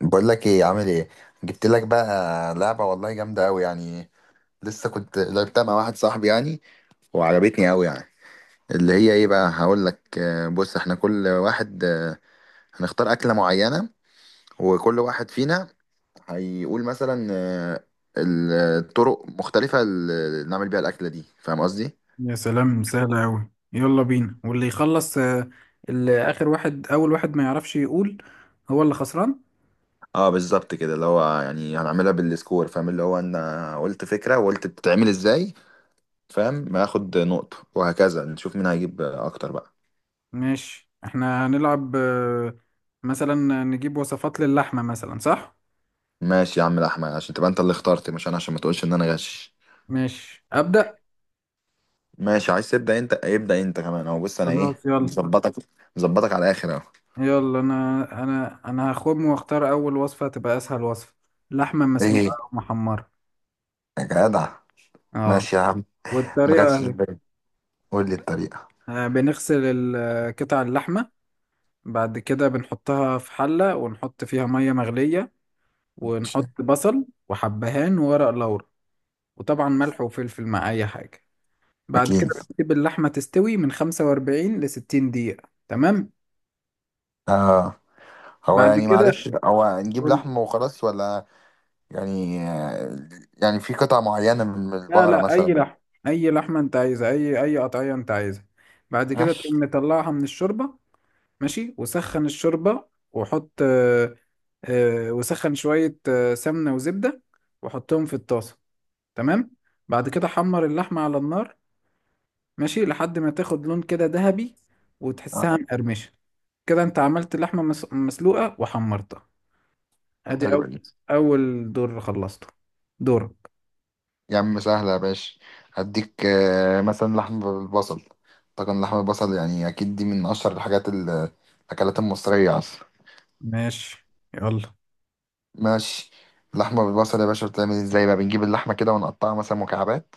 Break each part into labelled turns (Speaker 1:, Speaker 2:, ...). Speaker 1: بقول لك ايه، عامل ايه؟ جبت لك بقى لعبه، والله جامده قوي يعني. لسه كنت لعبتها مع واحد صاحبي يعني، وعجبتني قوي يعني. اللي هي ايه بقى هقول لك، بص احنا كل واحد، هنختار اكله معينه، وكل واحد فينا هيقول مثلا الطرق مختلفه اللي نعمل بيها الاكله دي، فاهم قصدي؟
Speaker 2: يا سلام سهلة أوي، يلا بينا واللي يخلص اللي آخر واحد، أول واحد، ما يعرفش يقول هو اللي خسران.
Speaker 1: اه، بالظبط كده، اللي هو يعني هنعملها بالسكور، فاهم؟ اللي هو انا قلت فكره وقلت بتتعمل ازاي. فاهم؟ ما اخد نقطه وهكذا نشوف مين هيجيب اكتر بقى.
Speaker 2: ماشي، احنا هنلعب مثلا نجيب وصفات للحمة مثلا، صح؟
Speaker 1: ماشي يا عم الاحمد، عشان تبقى انت اللي اخترت مش انا، عشان ما تقولش ان انا غش.
Speaker 2: ماشي، أبدأ.
Speaker 1: ماشي، عايز تبدا انت؟ ابدا انت كمان اهو، بص انا ايه،
Speaker 2: خلاص يلا.
Speaker 1: مظبطك. مظبطك على الاخر اهو.
Speaker 2: يلا أنا هخم وأختار أول وصفة تبقى أسهل وصفة: لحمة مسلوقة
Speaker 1: ايه
Speaker 2: أو محمرة.
Speaker 1: يا جدع،
Speaker 2: اه،
Speaker 1: ماشي يا عم. ما
Speaker 2: والطريقة
Speaker 1: جاتش في
Speaker 2: أهي:
Speaker 1: بالي، قول لي الطريقه.
Speaker 2: بنغسل قطع اللحمة، بعد كده بنحطها في حلة ونحط فيها مية مغلية،
Speaker 1: مش-
Speaker 2: ونحط بصل وحبهان وورق لورا، وطبعا ملح وفلفل مع أي حاجة. بعد كده
Speaker 1: اكيد
Speaker 2: بنسيب اللحمة تستوي من 45 ل 60 دقيقة. تمام.
Speaker 1: آه. هو
Speaker 2: بعد
Speaker 1: يعني
Speaker 2: كده
Speaker 1: معلش، هو نجيب
Speaker 2: قول لي.
Speaker 1: لحم وخلاص ولا يعني، يعني في قطع معينه من
Speaker 2: لا
Speaker 1: البقره
Speaker 2: لا أي
Speaker 1: مثلا؟
Speaker 2: لحمة، أي لحمة أنت عايزها، أي قطعية أنت عايزها. بعد كده
Speaker 1: ماشي.
Speaker 2: تقوم مطلعها من الشوربة. ماشي، وسخن الشوربة، وحط وسخن شوية سمنة وزبدة وحطهم في الطاسة. تمام. بعد كده حمر اللحمة على النار، ماشي، لحد ما تاخد لون كده ذهبي
Speaker 1: آه،
Speaker 2: وتحسها مقرمشة. كده انت عملت اللحمة مسلوقة وحمرتها. ادي
Speaker 1: حلوه
Speaker 2: اول،
Speaker 1: دي.
Speaker 2: اول دور خلصته، دورك.
Speaker 1: يا عم سهلة يا باشا، هديك مثلا لحمة بالبصل. طبعا لحمة البصل يعني أكيد دي من أشهر الحاجات الأكلات المصرية أصلا.
Speaker 2: ماشي، يلا.
Speaker 1: ماشي. لحمة بالبصل يا باشا بتعمل ازاي بقى؟ بنجيب اللحمة كده ونقطعها مثلا مكعبات.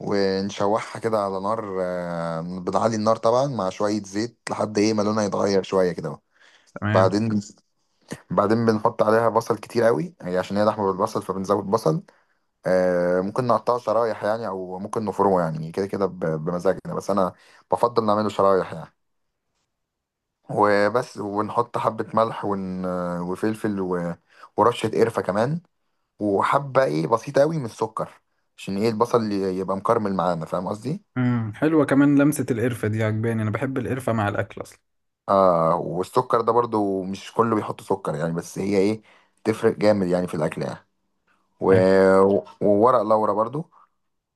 Speaker 1: ونشوحها كده على نار، بنعلي النار طبعا مع شوية زيت لحد ايه ما لونها يتغير شوية كده.
Speaker 2: تمام.
Speaker 1: بعدين بعدين بنحط عليها بصل كتير قوي، هي عشان هي لحمة بالبصل فبنزود بصل. ممكن نقطعه شرايح يعني او ممكن نفرمه يعني كده كده، بمزاجنا، بس انا بفضل نعمله شرايح يعني. وبس ونحط حبة ملح وفلفل ورشة قرفة كمان. وحبة ايه بسيطة قوي من السكر، عشان ايه البصل يبقى مكرمل معانا، فاهم قصدي؟
Speaker 2: امم، حلوة كمان لمسة القرفة دي، عجباني، انا بحب القرفة مع الاكل اصلا.
Speaker 1: اه، والسكر ده برضو مش كله بيحط سكر يعني، بس هي ايه تفرق جامد يعني في الاكل يعني. و...
Speaker 2: حلو.
Speaker 1: وورق لورا برضو.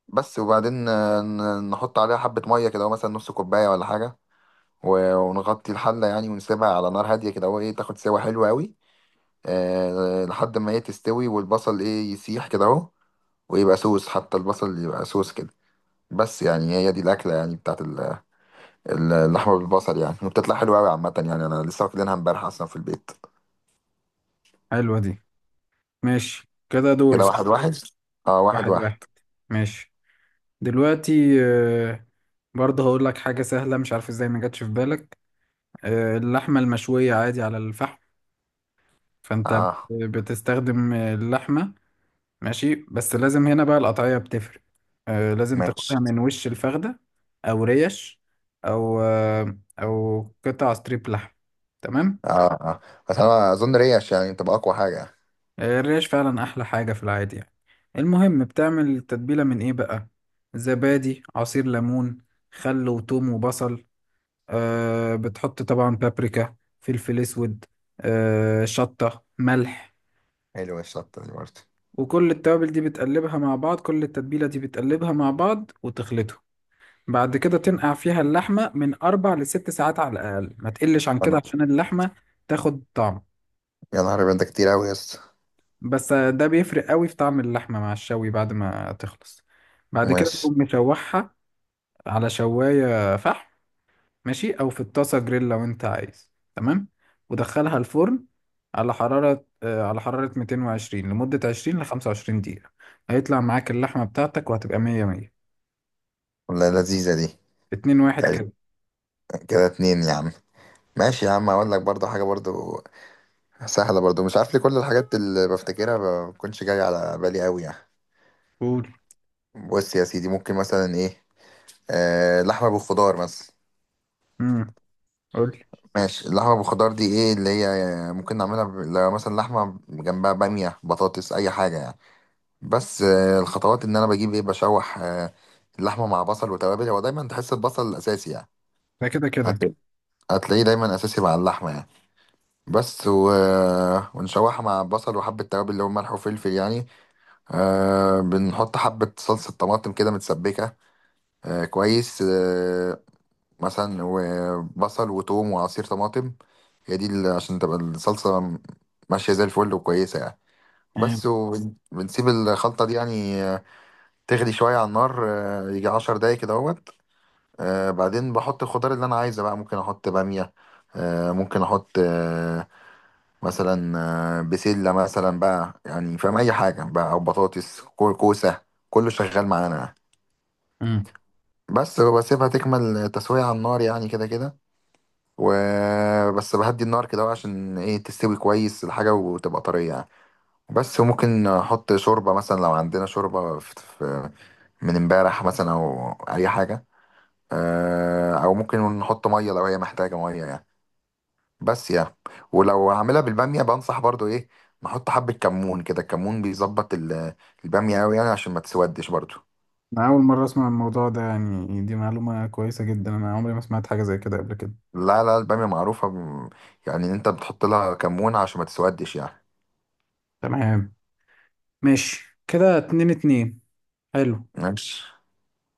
Speaker 1: بس، وبعدين نحط عليها حبة مية كده مثلا نص كوباية ولا حاجة. ونغطي الحلة يعني ونسيبها على نار هادية كده اهو ايه تاخد سوا حلوة قوي. أه، لحد ما هي تستوي والبصل ايه يسيح كده اهو. ويبقى سوس، حتى البصل يبقى سوس كده. بس يعني هي دي الأكلة يعني بتاعت اللحمة بالبصل يعني، وبتطلع حلوة قوي عامة يعني. أنا لسه واكلينها امبارح أصلا في البيت.
Speaker 2: حلوة دي. ماشي كده، دوري
Speaker 1: كده واحد
Speaker 2: صح.
Speaker 1: واحد، اه واحد
Speaker 2: واحد
Speaker 1: واحد.
Speaker 2: واحد. ماشي. دلوقتي برضه هقول لك حاجة سهلة، مش عارف ازاي ما جاتش في بالك. اللحمة المشوية عادي على الفحم. فانت
Speaker 1: اه
Speaker 2: بتستخدم اللحمة. ماشي، بس لازم هنا بقى القطعية بتفرق. آه، لازم
Speaker 1: ماشي،
Speaker 2: تاخدها من وش الفخدة، أو ريش، أو أو قطع ستريب لحم. تمام.
Speaker 1: اه اه. بس أنا أظن ريش يعني تبقى أقوى حاجة.
Speaker 2: آه، الريش فعلا أحلى حاجة في العادي يعني. المهم بتعمل التتبيلة من إيه بقى؟ زبادي، عصير ليمون، خل وتوم وبصل، آه، بتحط طبعا بابريكا، فلفل أسود، آه، شطة، ملح.
Speaker 1: حلوة الشطة دي برضه.
Speaker 2: وكل التوابل دي بتقلبها مع بعض، كل التتبيلة دي بتقلبها مع بعض وتخلطهم. بعد كده تنقع فيها اللحمة من أربع لست ساعات على الأقل، ما تقلش عن كده
Speaker 1: انا،
Speaker 2: عشان اللحمة تاخد طعم.
Speaker 1: يا نهار أبيض ده كتير أوي يا اسطى.
Speaker 2: بس ده بيفرق قوي في طعم اللحمة مع الشوي بعد ما تخلص. بعد كده
Speaker 1: ماشي،
Speaker 2: تقوم مشوحها على شواية فحم، ماشي، أو في الطاسة جريل لو أنت عايز. تمام. ودخلها الفرن على حرارة 220 لمدة 20 ل 25 دقيقة. هيطلع معاك اللحمة بتاعتك وهتبقى مية مية.
Speaker 1: والله لذيذة دي.
Speaker 2: اتنين واحد
Speaker 1: يعني.
Speaker 2: كده.
Speaker 1: كده اتنين يا عم. ماشي يا عم، اقول لك برضو حاجة برضو سهلة برضو، مش عارف ليه كل الحاجات اللي بفتكرها ما بتكونش جاية على بالي قوي يعني.
Speaker 2: قول.
Speaker 1: بص يا سيدي، ممكن مثلا ايه، لحمة بالخضار مثلا.
Speaker 2: امم. قول.
Speaker 1: ماشي، اللحمة بالخضار دي ايه اللي هي، ممكن نعملها لو مثلا لحمة جنبها بامية، بطاطس، اي حاجة يعني. بس الخطوات ان انا بجيب ايه، بشوح اللحمة مع بصل وتوابل، هو دايما تحس البصل الاساسي يعني.
Speaker 2: ده كده كده.
Speaker 1: هت- هتلاقيه دايما اساسي مع اللحمة يعني. بس ونشوحها مع بصل وحبة توابل، اللي هو ملح وفلفل يعني. بنحط حبة صلصة طماطم كده متسبكة. آه كويس آه. مثلا، وبصل وتوم وعصير طماطم. هي دي عشان تبقى الصلصة ماشية زي الفل وكويسة يعني. بس وبنسيب الخلطة دي يعني، تغلي شوية على النار، يجي 10 دقايق كده اهوت. بعدين بحط الخضار اللي أنا عايزه بقى، ممكن أحط بامية. ممكن أحط، مثلا، بسلة مثلا بقى يعني، فاهم؟ أي حاجة بقى، أو بطاطس كوسة. كله شغال معانا يعني.
Speaker 2: امم.
Speaker 1: بس بسيبها تكمل تسوية على النار يعني كده كده. وبس بهدي النار كده عشان ايه تستوي كويس الحاجة وتبقى طرية يعني. بس ممكن احط شوربة مثلا لو عندنا شوربة في من امبارح مثلا او اي حاجة. او ممكن نحط مية لو هي محتاجة مية يعني. بس يعني. ولو هعملها بالبامية بنصح برضو ايه، نحط حبة كمون كده، الكمون بيظبط البامية أوي يعني، عشان ما تسودش برضو.
Speaker 2: أنا أول مرة أسمع الموضوع ده يعني، دي معلومة كويسة جدا، أنا عمري ما سمعت حاجة زي كده قبل كده.
Speaker 1: لا لا، البامية معروفة يعني إن انت بتحط لها كمون عشان ما تسودش يعني.
Speaker 2: تمام. ماشي كده، اتنين اتنين. حلو.
Speaker 1: ماشي،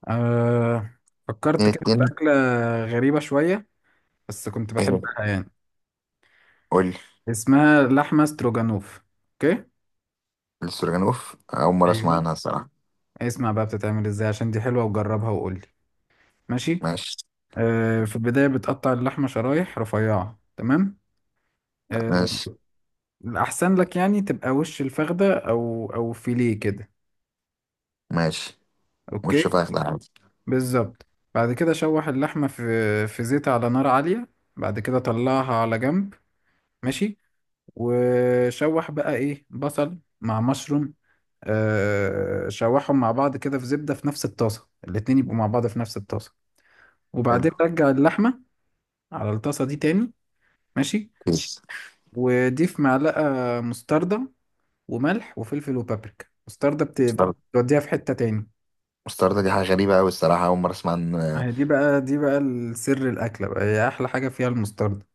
Speaker 2: أه، فكرت
Speaker 1: اتنين
Speaker 2: كده في
Speaker 1: اتنين.
Speaker 2: أكلة غريبة شوية بس كنت بحبها
Speaker 1: ايه؟
Speaker 2: يعني.
Speaker 1: قول.
Speaker 2: اسمها لحمة ستروجانوف. أوكي.
Speaker 1: السورجانوف أول مرة أسمع
Speaker 2: ايوه،
Speaker 1: عنها الصراحة.
Speaker 2: اسمع بقى بتتعمل إزاي، عشان دي حلوة وجربها وقولي. ماشي.
Speaker 1: ماشي،
Speaker 2: أه، في البداية بتقطع اللحمة شرايح رفيعة. تمام. أه،
Speaker 1: ماشي،
Speaker 2: الأحسن لك يعني تبقى وش الفخدة أو فيليه كده.
Speaker 1: ماشي.
Speaker 2: أوكي.
Speaker 1: وش فاخدة عادي.
Speaker 2: بالظبط. بعد كده شوح اللحمة في زيت على نار عالية. بعد كده طلعها على جنب. ماشي. وشوح بقى ايه، بصل مع مشروم. آه، شوحهم مع بعض كده في زبدة في نفس الطاسة، الاتنين يبقوا مع بعض في نفس الطاسة. وبعدين
Speaker 1: حلو.
Speaker 2: رجع اللحمة على الطاسة دي تاني. ماشي.
Speaker 1: كويس.
Speaker 2: وضيف معلقة مستردة، وملح وفلفل وبابريكا. مستردة
Speaker 1: مستردة.
Speaker 2: بتوديها في حتة تاني.
Speaker 1: مستردة دي حاجة غريبة أوي الصراحة، أول مرة أسمع عن.
Speaker 2: آه، دي بقى، دي بقى السر، الأكلة بقى هي أحلى حاجة فيها المستردة.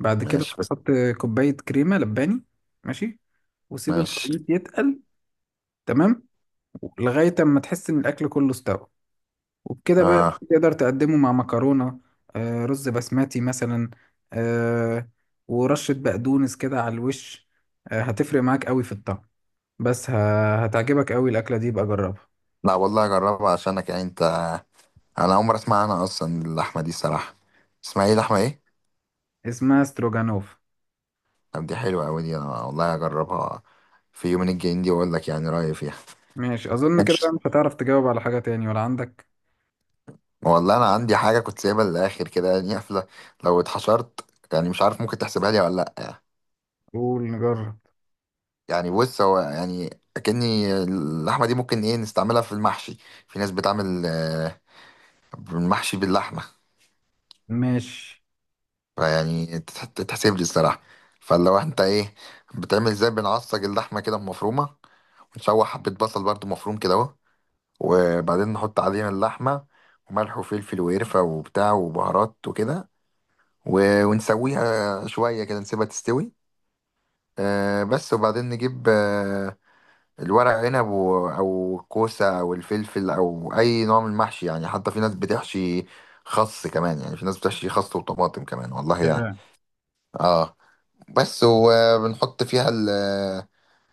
Speaker 2: بعد كده
Speaker 1: ماشي بس.
Speaker 2: تحط كوباية كريمة لباني. ماشي. وسيب
Speaker 1: ماشي،
Speaker 2: الخليط يتقل. تمام. لغاية اما تحس ان الاكل كله استوى. وبكده بقى
Speaker 1: آه.
Speaker 2: تقدر تقدمه مع مكرونة، آه، رز بسمتي مثلا، آه، ورشة بقدونس كده على الوش. آه، هتفرق معاك قوي في الطعم. بس هتعجبك قوي الاكلة دي، بقى جربها.
Speaker 1: لا والله أجربها عشانك يعني أنت. انا اول مره اسمع عنها اصلا اللحمه دي الصراحه. اسمها ايه، لحمه ايه؟
Speaker 2: اسمها ستروجانوف.
Speaker 1: طب دي حلوه قوي دي، انا والله هجربها في يومين الجايين دي واقول لك يعني رايي فيها.
Speaker 2: ماشي، اظن كده
Speaker 1: ماشي.
Speaker 2: بقى مش هتعرف تجاوب على حاجة تاني، ولا عندك؟
Speaker 1: والله انا عندي حاجه كنت سايبها للاخر كده يعني، قافله لو اتحشرت يعني، مش عارف ممكن تحسبها لي ولا لا.
Speaker 2: قول نجرب.
Speaker 1: يعني بص هو يعني، اكني اللحمه دي ممكن ايه نستعملها في المحشي. في ناس بتعمل المحشي باللحمه.
Speaker 2: ماشي.
Speaker 1: فيعني تتحسب لي الصراحه. فلو انت ايه، بتعمل ازاي، بنعصج اللحمه كده مفرومه. نشوح حبة بصل برضو مفروم كده اهو. وبعدين نحط عليها اللحمة وملح وفلفل وقرفة وبتاع وبهارات وكده. ونسويها شوية كده نسيبها تستوي. آه، بس وبعدين نجيب الورق عنب، أو الكوسة أو الفلفل أو أي نوع من المحشي يعني، حتى في ناس بتحشي خس كمان يعني، في ناس بتحشي خس وطماطم كمان والله يعني. اه، بس وبنحط فيها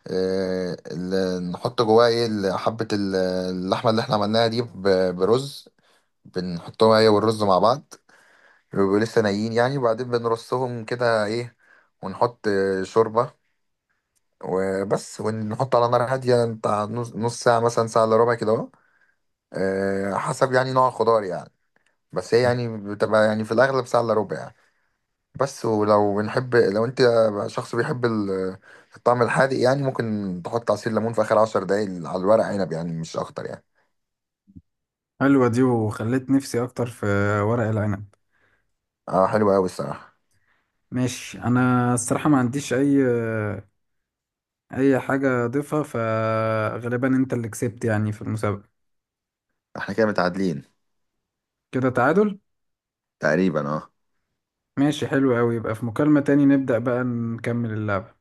Speaker 1: نحط جواه ايه حبة اللحمة اللي احنا عملناها دي، برز. بنحطهم هي والرز مع بعض. بيبقوا لسه نايين يعني، وبعدين بنرصهم كده ايه ونحط شوربة. وبس، ونحط على نار هادية بتاع نص نص ساعة مثلا، ساعة إلا ربع كده اهو. حسب يعني نوع الخضار يعني. بس هي يعني بتبقى يعني في الأغلب ساعة إلا ربع يعني. بس، ولو بنحب، لو انت شخص بيحب الطعم الحادق يعني، ممكن تحط عصير ليمون في اخر 10 دقايق على الورق عنب يعني، مش اكتر يعني.
Speaker 2: حلوة دي، وخليت نفسي أكتر في ورق العنب.
Speaker 1: اه حلو قوي الصراحه.
Speaker 2: ماشي، أنا الصراحة ما عنديش أي، أي حاجة أضيفها، فغالبا أنت اللي كسبت يعني في المسابقة.
Speaker 1: احنا كده متعادلين
Speaker 2: كده تعادل.
Speaker 1: تقريبا، اه.
Speaker 2: ماشي، حلو أوي، يبقى في مكالمة تاني نبدأ بقى نكمل اللعب.